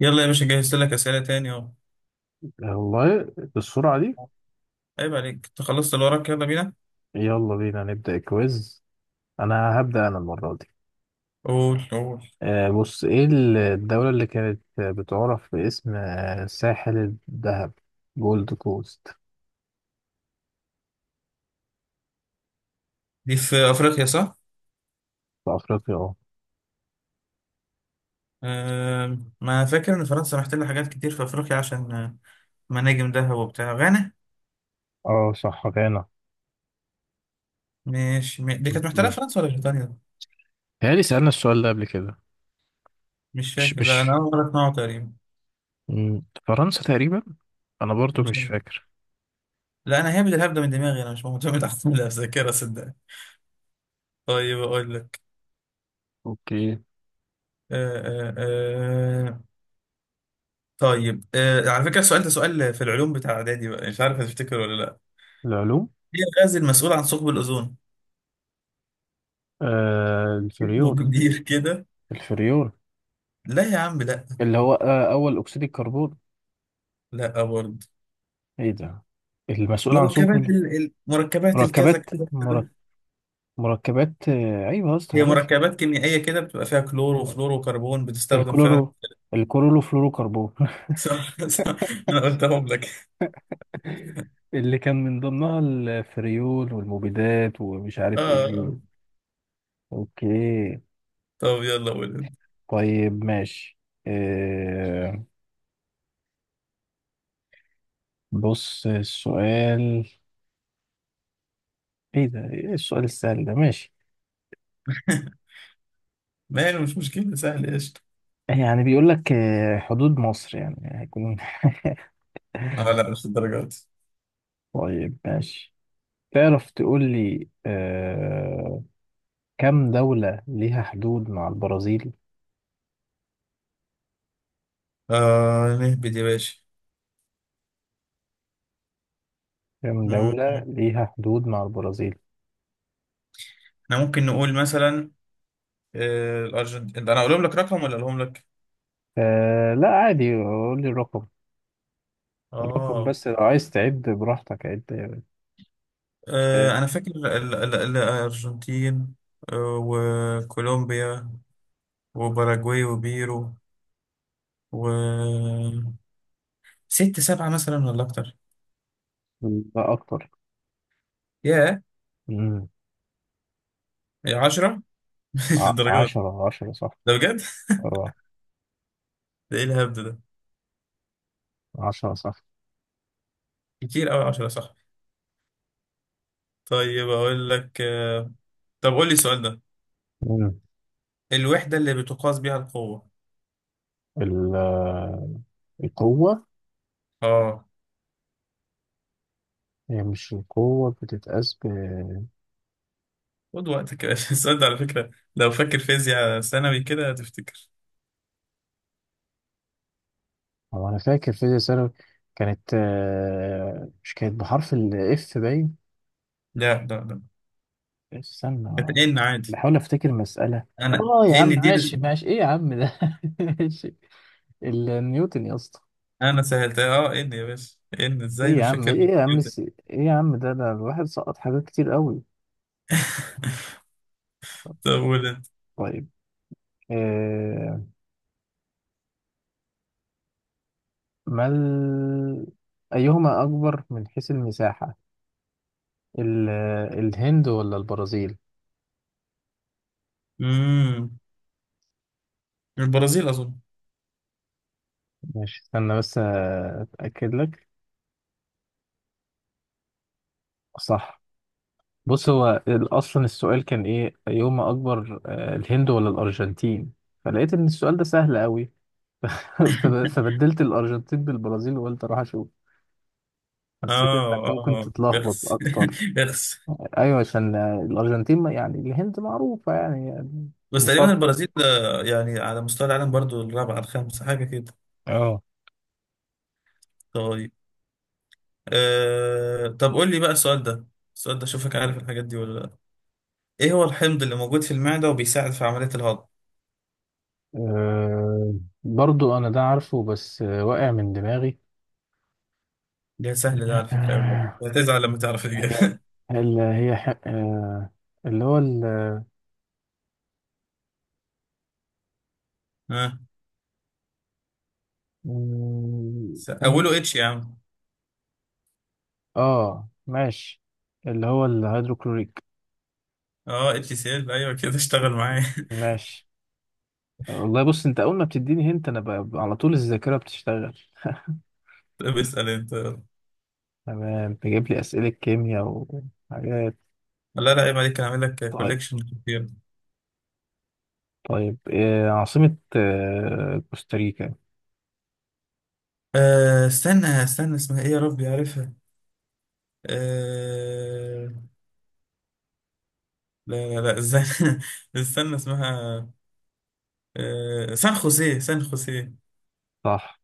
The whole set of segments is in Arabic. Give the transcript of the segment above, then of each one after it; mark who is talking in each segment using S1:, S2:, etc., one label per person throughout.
S1: يلا يا باشا، جهزت لك أسئلة تاني أهو.
S2: والله بالسرعة دي.
S1: عيب عليك، أنت خلصت اللي وراك؟ يلا بينا.
S2: يلا بينا نبدأ الكويز. أنا هبدأ أنا المرة دي.
S1: قول قول.
S2: بص إيه الدولة اللي كانت بتعرف باسم ساحل الذهب، جولد كوست؟
S1: دي في أفريقيا صح؟
S2: في أفريقيا. أه
S1: ما فاكر إن فرنسا محتلة حاجات كتير في أفريقيا عشان مناجم ذهب وبتاع غانا.
S2: أه صح، غانا.
S1: مش دي
S2: م-
S1: كانت محتلة
S2: م.
S1: فرنسا ولا بريطانيا؟
S2: تهيألي سألنا السؤال ده قبل كده.
S1: مش
S2: مش
S1: فاكر، لا أنا
S2: مش
S1: أول مرة أسمعه تقريبا.
S2: م، فرنسا تقريبا. أنا برضو
S1: مش
S2: مش
S1: عارف.
S2: فاكر.
S1: لا أنا هابد الهبدة من دماغي، أنا مش معتمد على الذاكرة صدقني. طيب أقول لك.
S2: اوكي.
S1: أه أه أه طيب على فكرة السؤال ده سؤال في العلوم بتاع إعدادي بقى، مش عارف هتفتكر ولا لأ.
S2: العلوم.
S1: إيه الغاز المسؤول عن ثقب الأوزون؟
S2: آه
S1: اسمه
S2: الفريون.
S1: كبير كده.
S2: الفريون
S1: لا يا عم لا.
S2: اللي هو أول أكسيد الكربون.
S1: لا برضه.
S2: إيه ده المسؤول عن
S1: مركبات
S2: ثقب؟
S1: الكذا
S2: مركبات
S1: كذا
S2: مرك-
S1: كذا.
S2: مركبات، ايوه يا اسطى
S1: هي
S2: عارفها.
S1: مركبات كيميائية كده، بتبقى فيها كلور وفلور وكربون، بتستخدم فعلا.
S2: الكلورو، الكلورو فلورو كربون.
S1: صح صح. انا قلتهم لك.
S2: اللي كان من ضمنها الفريول والمبيدات ومش
S1: اه
S2: عارف ايه.
S1: آه.
S2: اوكي.
S1: طب يلا قول انت.
S2: طيب ماشي. آه، بص السؤال. ايه ده، ايه السؤال السهل ده؟ ماشي.
S1: ماله، مش مشكلة، سهل قشطة.
S2: يعني بيقول لك حدود مصر يعني هيكون.
S1: اه لا مش الدرجة دي.
S2: طيب ماشي. تعرف تقول لي كم دولة ليها حدود مع البرازيل؟
S1: نهبد يا باشا.
S2: كام
S1: مم.
S2: دولة ليها حدود مع البرازيل؟
S1: احنا ممكن نقول مثلا الأرجنتين. انا اقولهم لك رقم ولا اقولهم لك؟
S2: آه لا عادي، قول لي الرقم. الرقم،
S1: اه.
S2: بس لو عايز تعد براحتك عد يا باشا.
S1: أنا فاكر الأرجنتين، وكولومبيا وباراجواي وبيرو و ست سبعة مثلا ولا أكتر؟
S2: لا أكتر.
S1: ياه،
S2: مم.
S1: يا 10. للدرجة دي؟
S2: عشرة صح.
S1: ده بجد.
S2: اه
S1: ده إيه الهبد ده؟
S2: عشرة صح.
S1: كتير أوي، 10 صح. طيب أقول لك. طب قول لي السؤال ده.
S2: مم.
S1: الوحدة اللي بتقاس بيها القوة.
S2: ال- آه، القوة.
S1: آه
S2: هي مش القوة بتتقاس ب؟
S1: خد وقتك يا باشا. السؤال ده على فكرة، لو فاكر فيزياء ثانوي كده هتفتكر.
S2: هو أنا فاكر في ثانوي كانت مش كانت بحرف الإف باين؟
S1: لا لا لا،
S2: استنى
S1: كانت إن عادي.
S2: بحاول أفتكر مسألة.
S1: أنا
S2: اه يا عم
S1: إن دي.
S2: ماشي، ايه يا عم ده؟ ماشي. النيوتن يا اسطى.
S1: انا سهلتها. اه ان يا باشا، ان ازاي
S2: ايه يا
S1: مش
S2: عم
S1: فاكر
S2: ايه يا عم
S1: كده.
S2: ايه يا عم ده الواحد سقط حاجات كتير قوي.
S1: طب قول انت.
S2: طيب. آه. ما ال... ايهما اكبر من حيث المساحة، ال... الهند ولا البرازيل؟
S1: امم البرازيل اظن.
S2: ماشي استنى بس اتاكد لك. صح. بص هو اصلا السؤال كان ايه؟ ايهما اكبر الهند ولا الارجنتين؟ فلقيت ان السؤال ده سهل قوي. فبدلت الارجنتين بالبرازيل، وقلت اروح اشوف حسيت انك ممكن
S1: اه
S2: تتلخبط
S1: اخس.
S2: اكتر.
S1: اخس.
S2: ايوه عشان الارجنتين يعني الهند معروفه يعني.
S1: بس تقريبا
S2: مقر.
S1: البرازيل يعني على مستوى العالم برضو الرابعة الخامسة حاجة كده.
S2: اه.
S1: طيب. طب قول لي بقى السؤال ده. السؤال ده شوفك عارف الحاجات دي ولا لا. ايه هو الحمض اللي موجود في المعدة وبيساعد في عملية الهضم.
S2: أه برضو انا ده عارفه، بس واقع من دماغي.
S1: ده سهل ده على فكرة أوي
S2: آه،
S1: بقى. هتزعل لما تعرف
S2: هي
S1: الإجابة.
S2: ال- هي ح- آه، اللي هو ال.
S1: ها.
S2: مم،
S1: أوله
S2: خمس-
S1: اتش يا عم.
S2: اه ماشي. اللي هو الهيدروكلوريك.
S1: اه اتش سي ال، أيوه كده، اشتغل معايا.
S2: ماشي. والله بص، انت اول ما بتديني هنت انا على طول الذاكره بتشتغل.
S1: طب اسأل انت يلا.
S2: تمام، تجيب لي اسئله كيمياء وحاجات.
S1: لا لا عيب عليك، هعمل لك
S2: طيب.
S1: كوليكشن كتير.
S2: طيب عاصمة كوستاريكا.
S1: استنى استنى، اسمها ايه يا ربي عارفها. أه. لا لا لا، استنى. استنى اسمها. سان خوسيه سان خوسيه.
S2: صح.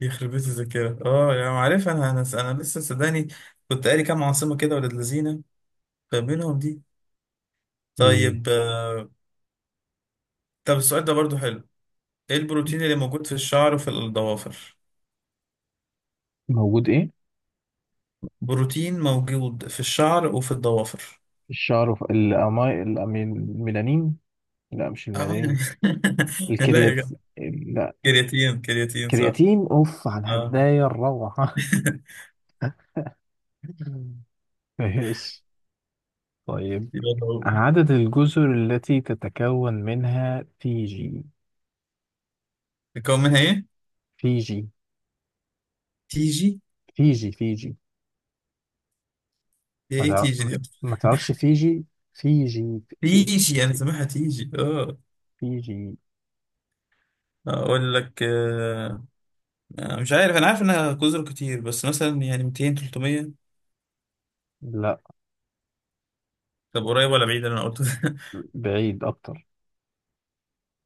S1: يخرب بيت الذاكرة. اه يا عم عارفها انا لسه صدقني، كنت قاري كام عاصمة كده ولاد لذينة، فمنهم دي.
S2: مم.
S1: طيب. طب السؤال ده برضو حلو. ايه البروتين اللي موجود في الشعر وفي الضوافر.
S2: موجود ايه؟
S1: بروتين موجود في الشعر وفي الضوافر.
S2: الشعر في الميلانين. لا مش
S1: آه.
S2: الميلانين.
S1: لا يا
S2: الكريات.
S1: جدع.
S2: لا.
S1: كرياتين كرياتين صح.
S2: كرياتين. اوف على
S1: اه.
S2: الهدايا الروعة. ماشي. طيب.
S1: يبقى هو.
S2: عدد الجزر التي تتكون منها فيجي.
S1: يكون منها ايه؟
S2: فيجي
S1: تيجي.
S2: فيجي فيجي
S1: هي
S2: ما
S1: ايه
S2: تع-
S1: تيجي
S2: ما
S1: دي؟
S2: ما تعرفش فيجي. فيجي في-
S1: تيجي، انا سامعها تيجي، اه.
S2: فيجي.
S1: اقول لك. آه. مش عارف، انا عارف انها جزر كتير، بس مثلا يعني 200 300.
S2: لا،
S1: طب قريب ولا بعيد اللي انا قلته ده؟
S2: بعيد اكتر.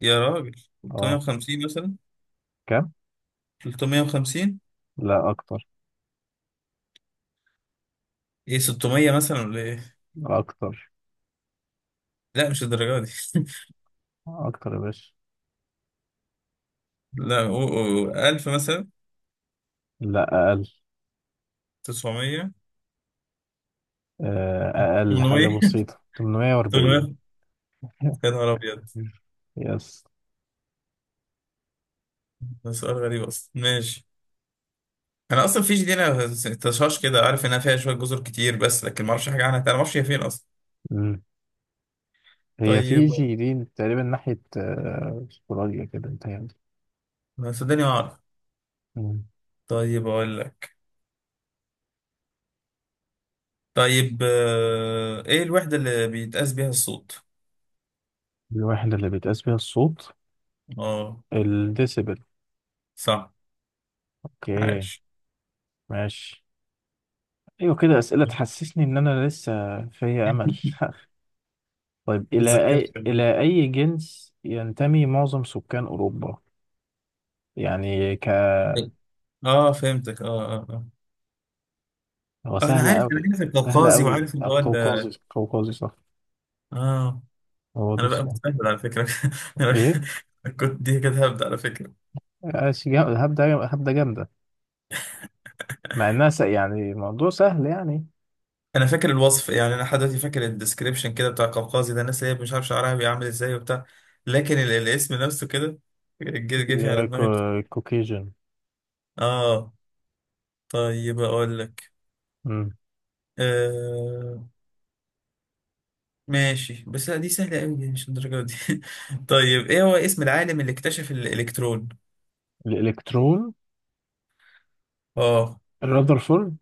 S1: يا راجل.
S2: اه.
S1: 350 مثلا. 350.
S2: لا اكتر.
S1: ايه، 600 مثلا ولا ايه؟
S2: اكتر.
S1: لا مش الدرجه دي.
S2: اكتر يا باشا.
S1: لا و 1000 مثلا.
S2: لا اقل.
S1: 900.
S2: اقل حاجه
S1: 800.
S2: بسيطه،
S1: 800.
S2: 840.
S1: يا نهار ابيض.
S2: يس.
S1: ده سؤال غريب اصلا، ماشي. انا اصلا فيجي دي انا، تشاش كده عارف انها فيها شويه جزر كتير، بس لكن ما اعرفش حاجه عنها، انا ما اعرفش هي فين اصلا.
S2: مم. هي
S1: طيب.
S2: فيجي دي تقريبا ناحيه استراليا كده انت يعني.
S1: ما صدقني، ما اعرف.
S2: مم.
S1: طيب اقول لك. طيب ايه الوحده اللي بيتقاس بيها الصوت.
S2: الوحده اللي بيتقاس بيها الصوت.
S1: اه
S2: الديسيبل.
S1: صح،
S2: اوكي.
S1: عاش.
S2: ماشي. ايوه كده، اسئله تحسسني ان انا لسه فيا امل. طيب
S1: اتذكرت.
S2: الى اي جنس ينتمي معظم سكان اوروبا؟ يعني ك.
S1: اه فهمتك،
S2: هو
S1: انا
S2: سهل
S1: عارف انا
S2: أوي.
S1: عارف
S2: سهل
S1: القوقازي،
S2: أوي.
S1: وعارف اللي هو
S2: قوقازي قوقازي صح.
S1: اه
S2: هو ده
S1: انا بقى
S2: السؤال.
S1: متأهل على فكره. انا
S2: إيه؟
S1: كنت دي كده هبدأ على فكره.
S2: هبدة جامدة، مع إنها يعني الموضوع سهل يعني.
S1: انا فاكر الوصف يعني، انا لحد دلوقتي فاكر الديسكريبشن كده بتاع قوقازي، ده الناس اللي هي مش عارف شعرها بيعمل ازاي وبتاع. لكن الاسم نفسه كده جه جه في على دماغي.
S2: الكوكيجن.
S1: اه. طيب اقول لك. آه ماشي بس لا دي سهله قوي، دي مش الدرجه دي. طيب ايه هو اسم العالم اللي اكتشف الالكترون.
S2: الإلكترون.
S1: اه
S2: الرذرفورد.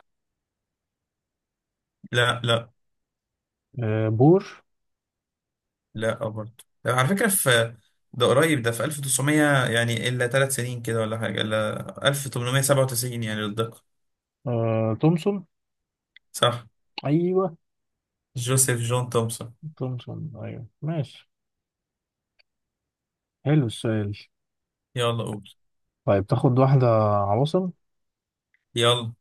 S1: لا لا
S2: بور.
S1: لا، برضه. على فكره في، ده قريب ده، في 1900 يعني الا 3 سنين كده ولا حاجه، الا 1897 يعني للدقه.
S2: تومسون.
S1: صح،
S2: أيوه.
S1: جوزيف جون تومسون.
S2: تومسون أيوه ماشي. حلو السؤال.
S1: يلا قول.
S2: طيب تاخد واحدة، عواصم.
S1: يلا.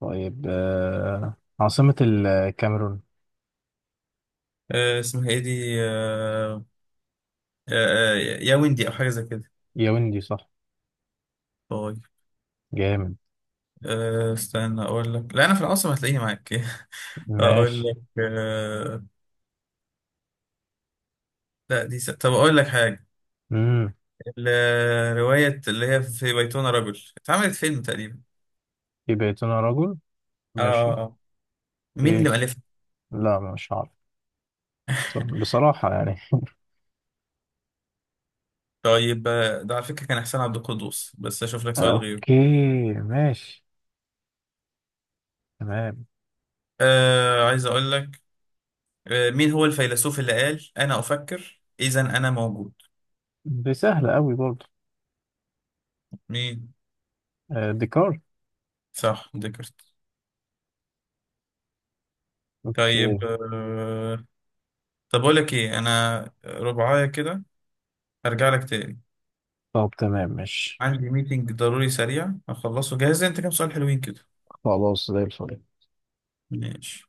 S2: طيب عاصمة الكاميرون.
S1: اسمها ايه دي. آه آه يا ويندي او حاجه زي كده.
S2: ياوندي صح.
S1: طيب.
S2: جامد.
S1: استنى اقول لك. لا انا في العاصمه هتلاقيني معاك. اقول
S2: ماشي.
S1: لك. لا دي طب اقول لك حاجه.
S2: امم.
S1: الروايه اللي هي في بيتنا رجل، اتعملت فيلم تقريبا.
S2: يبقى يا ترى رجل.
S1: اه آه،
S2: ماشي.
S1: آه. مين
S2: ايه؟
S1: اللي مؤلفها.
S2: لا مش عارف. بصراحة يعني.
S1: طيب ده على فكره كان احسان عبد القدوس، بس اشوف لك سؤال
S2: اوكي.
S1: غيره.
S2: ماشي. تمام.
S1: عايز اقول لك. مين هو الفيلسوف اللي قال انا افكر اذا انا موجود.
S2: دي سهلة قوي برضه.
S1: مين؟
S2: ديكار.
S1: صح، ديكارت.
S2: اوكي.
S1: طيب. طب أقول لك إيه، أنا ربعاية كده، هرجع لك تاني.
S2: طب تمام ماشي.
S1: عندي ميتنج ضروري سريع هخلصه، جاهز أنت كام سؤال حلوين كده.
S2: خلاص زي الفل.
S1: ماشي.